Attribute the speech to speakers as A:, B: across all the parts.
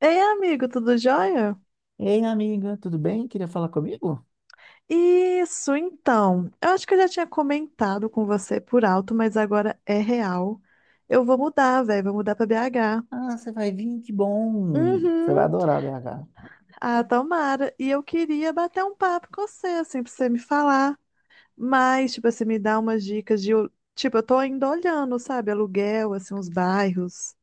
A: Ei, amigo, tudo jóia?
B: Ei, amiga, tudo bem? Queria falar comigo?
A: Isso, então. Eu acho que eu já tinha comentado com você por alto, mas agora é real. Eu vou mudar, velho, vou mudar pra BH.
B: Ah, você vai vir, que bom. Você vai
A: Uhum.
B: adorar BH.
A: Ah, tomara. E eu queria bater um papo com você, assim, pra você me falar. Mas, tipo, você me dá umas dicas de. Tipo, eu tô ainda olhando, sabe? Aluguel, assim, uns bairros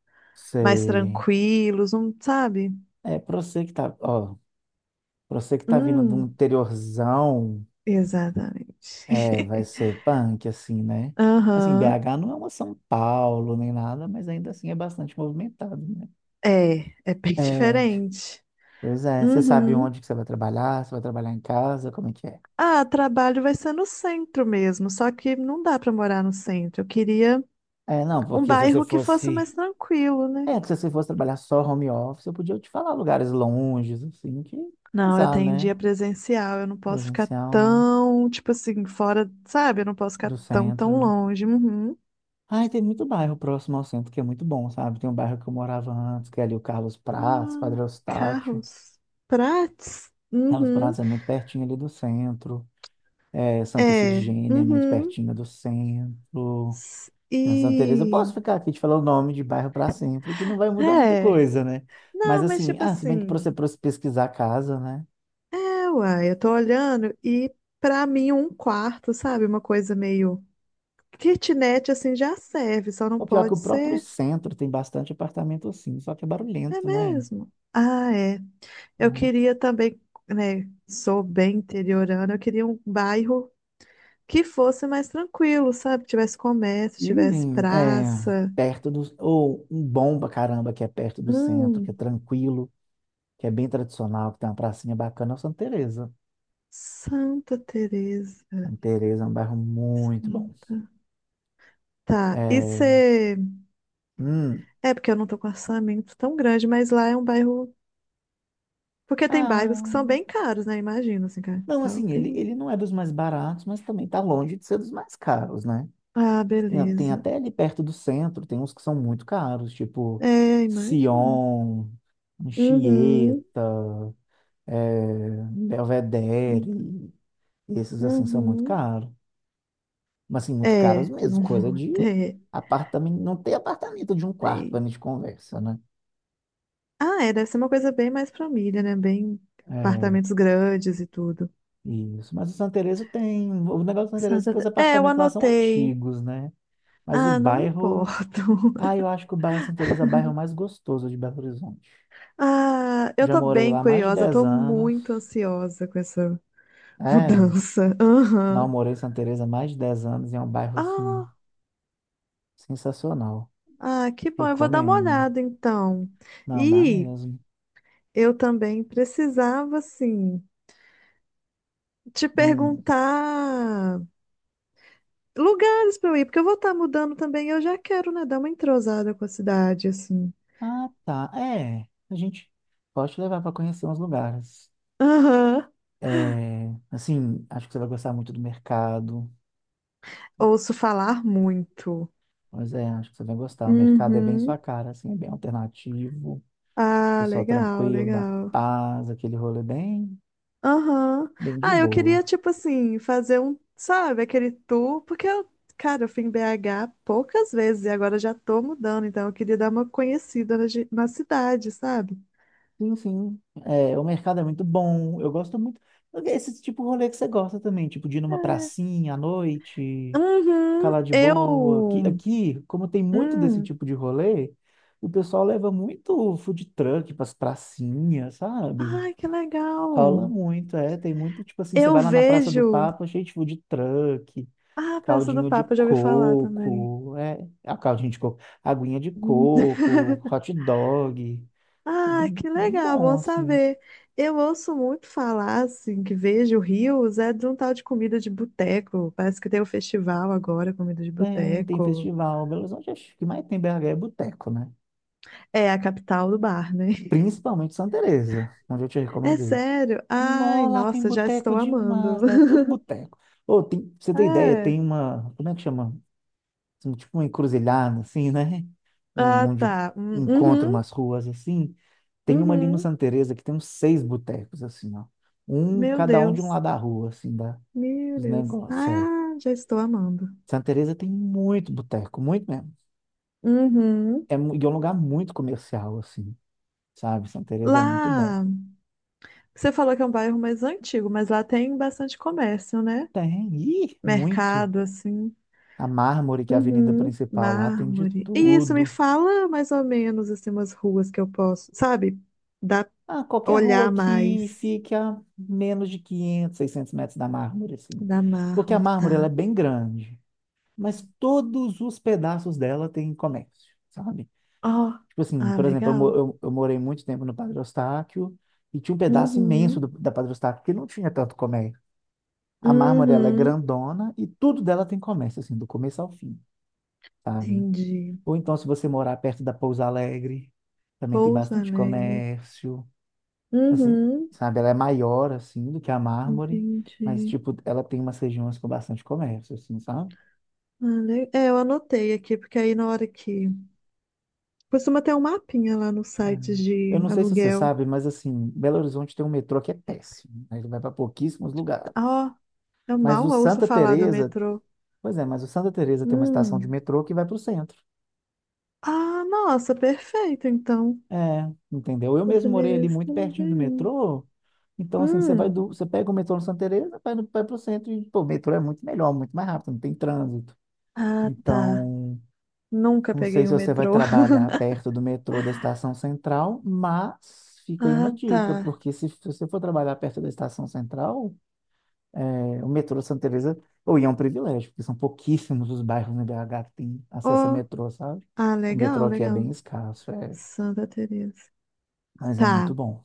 A: mais
B: Sei.
A: tranquilos, sabe?
B: É, pra você que tá, ó, pra você que tá vindo de um
A: Hum,
B: interiorzão,
A: exatamente.
B: é, vai ser punk, assim, né? Assim,
A: Aham.
B: BH não é uma São Paulo nem nada, mas ainda assim é bastante movimentado, né?
A: É bem
B: É,
A: diferente.
B: pois é. Você sabe
A: Uhum.
B: onde que você vai trabalhar? Você vai trabalhar em casa? Como é que é?
A: Ah, trabalho vai ser no centro mesmo, só que não dá para morar no centro. Eu queria
B: É, não,
A: um
B: porque se você
A: bairro que fosse
B: fosse
A: mais tranquilo, né?
B: É, que se você fosse trabalhar só home office, eu podia te falar lugares longes, assim, que
A: Não, eu
B: usar,
A: tenho
B: né?
A: dia presencial, eu não posso ficar
B: Presencial, né?
A: tão, tipo assim, fora, sabe? Eu não posso ficar
B: Do
A: tão,
B: centro,
A: tão
B: né?
A: longe. Uhum.
B: Ai, tem muito bairro próximo ao centro que é muito bom, sabe? Tem um bairro que eu morava antes, que é ali o Carlos Prats,
A: Ah,
B: Padre Eustáquio.
A: carros, prates.
B: Carlos
A: Uhum.
B: Prats é muito pertinho ali do centro. É, Santa
A: É.
B: Efigênia é muito
A: Uhum.
B: pertinho do centro. Tem Santa Teresa, eu posso
A: E
B: ficar aqui te falar o nome de bairro para sempre, que não vai mudar muita
A: é.
B: coisa, né? Mas
A: Não, mas
B: assim,
A: tipo
B: ah, se bem que para
A: assim,
B: você pesquisar a casa, né?
A: uai, eu tô olhando e pra mim um quarto, sabe? Uma coisa meio kitnet assim já serve, só não
B: O pior é que
A: pode
B: o próprio
A: ser.
B: centro tem bastante apartamento assim, só que é
A: É
B: barulhento, né?
A: mesmo. Ah, é. Eu
B: Aham.
A: queria também, né? Sou bem interiorana, eu queria um bairro que fosse mais tranquilo, sabe? Tivesse comércio,
B: E
A: tivesse
B: é,
A: praça.
B: perto do. Ou um bom pra caramba que é perto do centro, que é
A: Hum,
B: tranquilo, que é bem tradicional, que tem uma pracinha bacana, é o Santa Teresa.
A: Santa Teresa.
B: Santa Teresa é um bairro muito bom.
A: Santa- Tá. E
B: É,
A: você.
B: hum,
A: É porque eu não tô com orçamento tão grande, mas lá é um bairro. Porque tem
B: ah,
A: bairros que são bem caros, né? Imagina, assim,
B: não,
A: capital
B: assim, ele,
A: tem.
B: ele não é dos mais baratos, mas também tá longe de ser dos mais caros, né?
A: Ah,
B: Tem
A: beleza.
B: até ali perto do centro, tem uns que são muito caros, tipo
A: É, imagina.
B: Sion,
A: Uhum.
B: Anchieta, Belvedere, esses assim são muito
A: Uhum.
B: caros. Mas assim, muito caros
A: É,
B: mesmo, coisa
A: não
B: de
A: é,
B: apartamento, não tem apartamento de um quarto
A: é.
B: para a gente conversa, né?
A: Ah, é, deve ser uma coisa bem mais família, né? Bem
B: É,
A: apartamentos grandes e tudo.
B: isso. Mas o Santa Teresa tem, o negócio do Santa Teresa é que os
A: É, eu
B: apartamentos lá são
A: anotei.
B: antigos, né? Mas o
A: Ah, não me
B: bairro,
A: importo.
B: ah, eu acho que o bairro Santa Teresa é o bairro mais gostoso de Belo Horizonte.
A: Ah, eu
B: Já
A: tô
B: morei
A: bem
B: lá mais de
A: curiosa,
B: 10
A: tô
B: anos.
A: muito ansiosa com essa
B: É,
A: mudança.
B: não
A: Aham.
B: morei em Santa Teresa mais de 10 anos e é um bairro assim
A: Ah,
B: sensacional.
A: Ah, que bom, eu vou dar uma
B: Recomendo.
A: olhada então.
B: Não dá
A: E
B: mesmo.
A: eu também precisava, assim, te
B: Hum.
A: perguntar lugares para eu ir, porque eu vou estar mudando também, eu já quero, né, dar uma entrosada com a cidade, assim.
B: Ah, tá. É, a gente pode te levar para conhecer uns lugares.
A: Aham.
B: É, assim, acho que você vai gostar muito do mercado.
A: Ouço falar muito.
B: Pois é, acho que você vai gostar. O mercado é bem
A: Uhum.
B: sua cara, assim, é bem alternativo,
A: Ah,
B: pessoal
A: legal,
B: tranquilo, da
A: legal.
B: paz, aquele rolê bem,
A: Aham.
B: bem de
A: Ah, eu queria,
B: boa.
A: tipo assim, fazer um, sabe, aquele tour, porque eu, cara, eu fui em BH poucas vezes e agora já tô mudando, então eu queria dar uma conhecida na cidade, sabe?
B: Sim, sim. É, o mercado é muito bom. Eu gosto muito. Esse tipo de rolê que você gosta também, tipo de ir numa
A: É.
B: pracinha à noite, ficar
A: Uhum,
B: lá de boa. Aqui,
A: eu.
B: aqui, como tem muito desse
A: Hum.
B: tipo de rolê, o pessoal leva muito food truck pras pracinhas, sabe?
A: Ai, que
B: Rola
A: legal!
B: muito, é. Tem muito, tipo assim, você
A: Eu
B: vai lá na Praça do
A: vejo.
B: Papa, cheio de food truck,
A: Ah, a Praça do
B: caldinho de
A: Papa, eu já ouvi falar também.
B: coco, é, a caldinho de coco, aguinha de
A: Hum.
B: coco, hot dog. É
A: Ah,
B: bem,
A: que
B: bem
A: legal,
B: bom,
A: bom
B: assim.
A: saber. Eu ouço muito falar, assim, que vejo rios, é de um tal de comida de boteco. Parece que tem um festival agora, comida de
B: Tem
A: boteco.
B: festival. Belo Horizonte, acho que o que mais tem BH é boteco, né?
A: É a capital do bar, né?
B: Principalmente Santa Teresa, onde eu te
A: É
B: recomendei.
A: sério? Ai,
B: Nó, lá tem
A: nossa, já
B: boteco
A: estou amando.
B: demais, lá é tudo boteco. Ô, tem, pra você ter ideia,
A: É.
B: tem uma, como é que chama? Assim, tipo uma encruzilhada, assim, né?
A: Ah,
B: Onde
A: tá.
B: encontra
A: Uhum,
B: umas ruas, assim. Tem uma ali no
A: uhum.
B: Santa Teresa que tem uns seis botecos, assim, ó.
A: Meu
B: Cada um de um
A: Deus.
B: lado da rua, assim,
A: Meu
B: dos
A: Deus.
B: negócios, é.
A: Ah, já estou amando.
B: Santa Teresa tem muito boteco, muito mesmo.
A: Uhum.
B: É, e é um lugar muito comercial, assim. Sabe? Santa Teresa é muito bom.
A: Lá, você falou que é um bairro mais antigo, mas lá tem bastante comércio, né?
B: Tem, e muito.
A: Mercado, assim,
B: A Mármore, que é a avenida
A: Uhum.
B: principal lá, tem de
A: Mármore. Isso me
B: tudo.
A: fala mais ou menos, assim, umas ruas que eu posso, sabe? Dá
B: Ah, qualquer rua
A: olhar
B: que
A: mais
B: fique a menos de 500, 600 metros da Mármore, assim.
A: da
B: Porque a
A: Mármore,
B: Mármore, ela é
A: tá?
B: bem grande, mas todos os pedaços dela tem comércio, sabe?
A: Ó,
B: Tipo assim,
A: ah,
B: por exemplo, eu, mo-
A: legal.
B: eu, eu morei muito tempo no Padre Eustáquio e tinha um pedaço imenso
A: Uhum.
B: da Padre Eustáquio que não tinha tanto comércio. A Mármore, ela é
A: Uhum.
B: grandona e tudo dela tem comércio, assim, do começo ao fim. Sabe?
A: Entendi.
B: Ou então, se você morar perto da Pouso Alegre, também tem
A: Pouso
B: bastante
A: Alegre.
B: comércio. Assim,
A: Uhum.
B: sabe? Ela é maior, assim, do que a Mármore, mas,
A: Entendi.
B: tipo, ela tem umas regiões com bastante comércio, assim, sabe?
A: Ah, é, eu anotei aqui, porque aí na hora que. Costuma ter um mapinha lá no site
B: Hum. Eu
A: de
B: não sei se você
A: aluguel.
B: sabe, mas, assim, Belo Horizonte tem um metrô que é péssimo. Né? Ele vai para pouquíssimos lugares.
A: Ó, eu
B: Mas
A: mal
B: o
A: ouço
B: Santa
A: falar do
B: Teresa,
A: metrô.
B: mas o Santa Teresa tem uma estação de
A: Hum.
B: metrô que vai para o centro.
A: Ah, nossa, perfeito, então.
B: É, entendeu? Eu
A: Você
B: mesmo morei ali
A: merece
B: muito
A: também
B: pertinho do
A: me.
B: metrô. Então, assim, você vai do,
A: Hum.
B: você pega o metrô no Santa Teresa, vai, no, vai pro centro e, pô, o metrô é muito melhor, muito mais rápido, não tem trânsito.
A: Ah, tá.
B: Então,
A: Nunca
B: não sei
A: peguei
B: se
A: o
B: você vai
A: metrô.
B: trabalhar perto do metrô da Estação Central, mas fica aí
A: Ah,
B: uma
A: tá.
B: dica, porque se, você for trabalhar perto da Estação Central, é, o metrô Santa Teresa, ou e é um privilégio, porque são pouquíssimos os bairros no BH que têm acesso a
A: Oh.
B: metrô, sabe?
A: Ah,
B: O metrô
A: legal,
B: aqui é bem
A: legal.
B: escasso, é,
A: Santa Teresa.
B: mas é muito
A: Tá.
B: bom.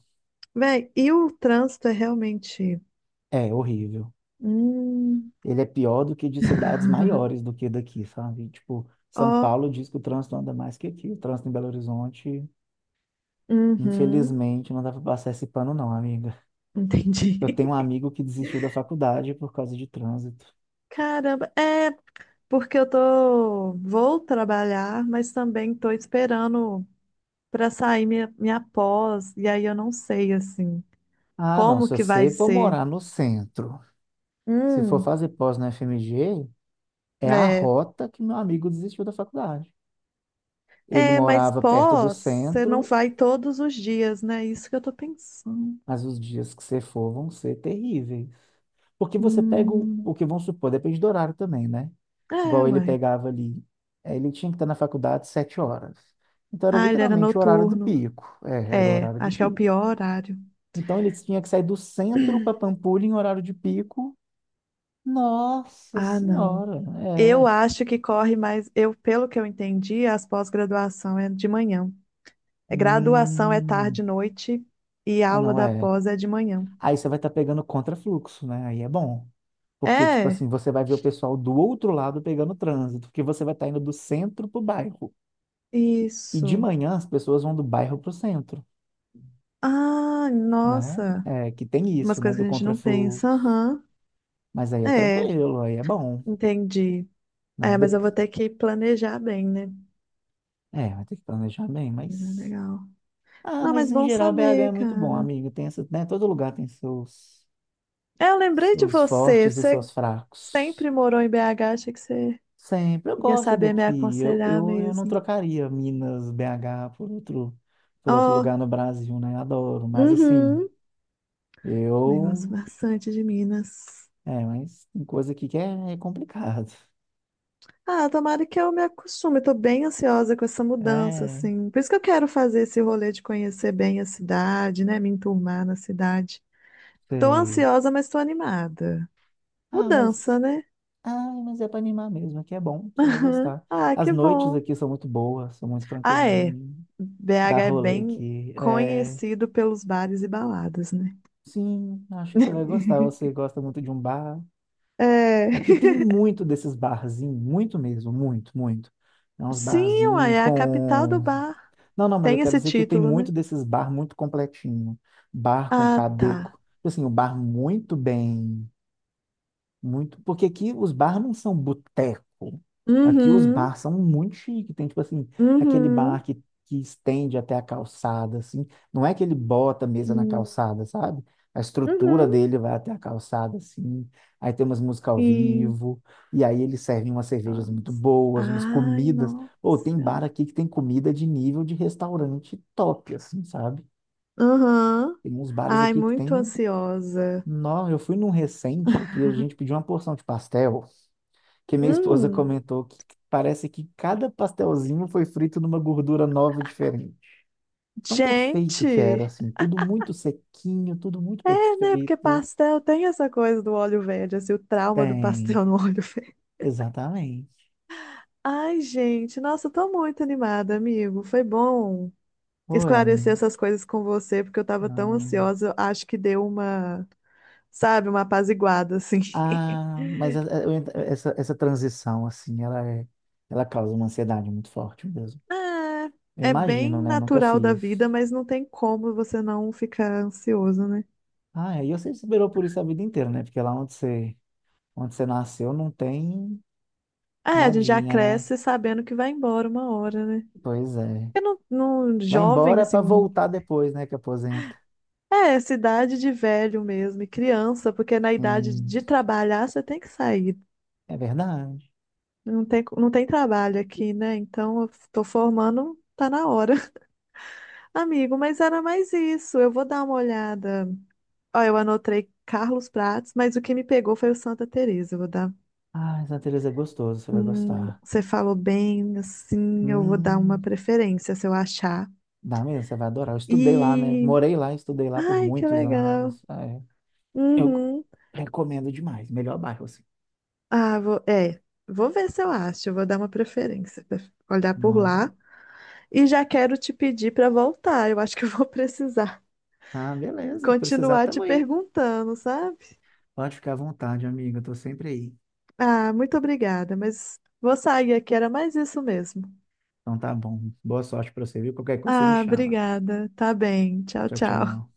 A: Véi, e o trânsito é realmente.
B: É horrível.
A: Hum.
B: Ele é pior do que de cidades maiores do que daqui, sabe? Tipo, São
A: Ó.
B: Paulo diz que o trânsito anda mais que aqui. O trânsito em Belo Horizonte,
A: Uhum.
B: infelizmente, não dá para passar esse pano, não, amiga. Eu
A: Entendi.
B: tenho um amigo que desistiu da faculdade por causa de trânsito.
A: Caramba, é porque eu tô. Vou trabalhar, mas também tô esperando para sair minha pós, e aí eu não sei assim
B: Ah, não, se
A: como que vai
B: você for
A: ser.
B: morar no centro, se for
A: Hum,
B: fazer pós na FMG, é a
A: é.
B: rota que meu amigo desistiu da faculdade. Ele
A: É, mas
B: morava perto do
A: pós, você não
B: centro.
A: vai todos os dias, né? Isso que eu tô pensando.
B: Mas os dias que você for vão ser terríveis. Porque você pega o,
A: Hum,
B: o que vamos supor, depende do horário também, né?
A: é,
B: Igual ele
A: uai.
B: pegava ali. Ele tinha que estar na faculdade 7 horas. Então era
A: Ah, ele era
B: literalmente o horário do
A: noturno.
B: pico. É, era o
A: É,
B: horário de
A: acho que é o
B: pico.
A: pior horário.
B: Então ele tinha que sair do centro para Pampulha em horário de pico. Nossa
A: Ah, não.
B: senhora,
A: Eu
B: é.
A: acho que corre mais. Pelo que eu entendi, as pós-graduação é de manhã. É, graduação é
B: Hum.
A: tarde e noite e
B: Ah,
A: aula
B: não,
A: da
B: é.
A: pós é de manhã.
B: Aí você vai estar pegando contrafluxo, né? Aí é bom. Porque, tipo assim,
A: É,
B: você vai ver o pessoal do outro lado pegando trânsito, porque você vai estar indo do centro para o bairro. E de
A: isso.
B: manhã as pessoas vão do bairro para o centro,
A: Ah,
B: né?
A: nossa.
B: É, que tem
A: Umas
B: isso, né?
A: coisas que
B: Do
A: a gente não
B: contrafluxo.
A: pensa. Aham.
B: Mas aí é
A: É,
B: tranquilo, aí é bom,
A: entendi.
B: né?
A: É, mas eu vou ter que planejar bem, né?
B: É, vai ter que planejar bem,
A: É,
B: mas.
A: legal.
B: Ah,
A: Não,
B: mas
A: mas
B: em
A: bom
B: geral BH é
A: saber,
B: muito bom,
A: cara.
B: amigo. Tem essa, né? Todo lugar tem seus,
A: É, eu lembrei de
B: seus
A: você.
B: fortes e
A: Você
B: seus fracos.
A: sempre morou em BH, achei que você
B: Sempre, eu
A: ia
B: gosto
A: saber me
B: daqui. Eu,
A: aconselhar
B: eu, eu não
A: mesmo.
B: trocaria Minas, BH por outro, por outro,
A: Ó,
B: lugar no Brasil, né? Adoro, mas assim,
A: uhum. Também gosto
B: eu.
A: bastante de Minas.
B: É, mas tem coisa aqui que é complicado.
A: Ah, tomara que eu me acostume. Tô bem ansiosa com essa mudança,
B: É,
A: assim. Por isso que eu quero fazer esse rolê de conhecer bem a cidade, né? Me enturmar na cidade. Tô
B: sei.
A: ansiosa, mas tô animada.
B: Ah, mas.
A: Mudança, né?
B: Ah, mas é pra animar mesmo, aqui é bom, você vai
A: Aham.
B: gostar.
A: Ah,
B: As
A: que
B: noites
A: bom.
B: aqui são muito boas, são muito
A: Ah, é.
B: tranquilinhas. Dá
A: BH é
B: rolê
A: bem
B: aqui. É,
A: conhecido pelos bares e baladas, né?
B: sim, acho que você vai gostar. Você gosta muito de um bar.
A: É.
B: Aqui tem muito desses barzinhos, muito mesmo, muito, muito. É uns
A: Sim, uai,
B: barzinhos
A: é a capital do
B: com.
A: bar.
B: Não, não, mas eu
A: Tem
B: quero
A: esse
B: dizer que tem
A: título, né?
B: muito desses bar muito completinho. Bar com
A: Ah, tá.
B: cadeco. Tipo assim, um bar muito bem. Muito, porque aqui os bars não são boteco. Aqui os
A: Uhum,
B: bars são muito chique. Tem, tipo assim, aquele
A: uhum,
B: bar que estende até a calçada, assim. Não é que ele bota a mesa na
A: hum,
B: calçada, sabe? A estrutura
A: uhum.
B: dele vai até a calçada, assim. Aí tem umas músicas ao
A: Então.
B: vivo. E aí eles servem umas cervejas muito boas, umas
A: Ai,
B: comidas.
A: nossa.
B: Ou tem bar aqui que tem comida de nível de restaurante top, assim, sabe?
A: Aham.
B: Tem uns bares
A: Ai,
B: aqui que
A: muito
B: tem.
A: ansiosa.
B: Não, eu fui num recente que a gente pediu uma porção de pastel que minha esposa
A: Hum,
B: comentou que parece que cada pastelzinho foi frito numa gordura nova e diferente. Tão perfeito que era,
A: gente.
B: assim, tudo muito sequinho, tudo muito
A: É, né? Porque
B: perfeito.
A: pastel tem essa coisa do óleo verde, assim, o trauma do
B: Tem,
A: pastel no óleo verde.
B: exatamente.
A: Ai, gente, nossa, eu tô muito animada, amigo. Foi bom
B: Oi,
A: esclarecer
B: amigo.
A: essas coisas com você, porque eu tava tão
B: Não.
A: ansiosa. Eu acho que deu uma, sabe, uma apaziguada, assim.
B: Ah, mas essa transição, assim, ela causa uma ansiedade muito forte mesmo.
A: Ah,
B: Eu
A: é bem
B: imagino, né? Nunca
A: natural da
B: fiz.
A: vida, mas não tem como você não ficar ansioso, né?
B: Ah, e você esperou por isso a vida inteira, né? Porque lá onde onde você nasceu não tem
A: É, a gente já
B: nadinha, né?
A: cresce sabendo que vai embora uma hora, né?
B: Pois é.
A: Porque no
B: Vai
A: jovem,
B: embora
A: assim,
B: para voltar depois, né, que aposenta.
A: É, cidade de velho mesmo, e criança, porque na idade
B: Sim,
A: de trabalhar você tem que sair.
B: é verdade.
A: Não tem, não tem trabalho aqui, né? Então eu tô formando, tá na hora. Amigo, mas era mais isso. Eu vou dar uma olhada. Ó, eu anotei Carlos Prates, mas o que me pegou foi o Santa Teresa. Eu vou dar.
B: Ah, Santa Teresa é gostoso, você vai gostar.
A: Você falou bem, assim, eu vou dar uma
B: Hum,
A: preferência se eu achar.
B: Dá mesmo, você vai adorar. Eu estudei lá, né?
A: E.
B: Morei lá, estudei lá por
A: Ai, que
B: muitos
A: legal.
B: anos. Ah, é. Eu
A: Uhum.
B: recomendo demais, melhor bairro assim.
A: Ah, vou ver se eu acho, eu vou dar uma preferência pra olhar por
B: Né?
A: lá. E já quero te pedir para voltar, eu acho que eu vou precisar
B: Ah, beleza, precisar
A: continuar te
B: tamo aí.
A: perguntando, sabe?
B: Pode ficar à vontade, amiga, eu tô sempre aí.
A: Ah, muito obrigada, mas vou sair aqui, era mais isso mesmo.
B: Então tá bom. Boa sorte para você, viu? Qualquer coisa você me
A: Ah,
B: chama.
A: obrigada, tá bem, tchau,
B: Tchau, tchau.
A: tchau.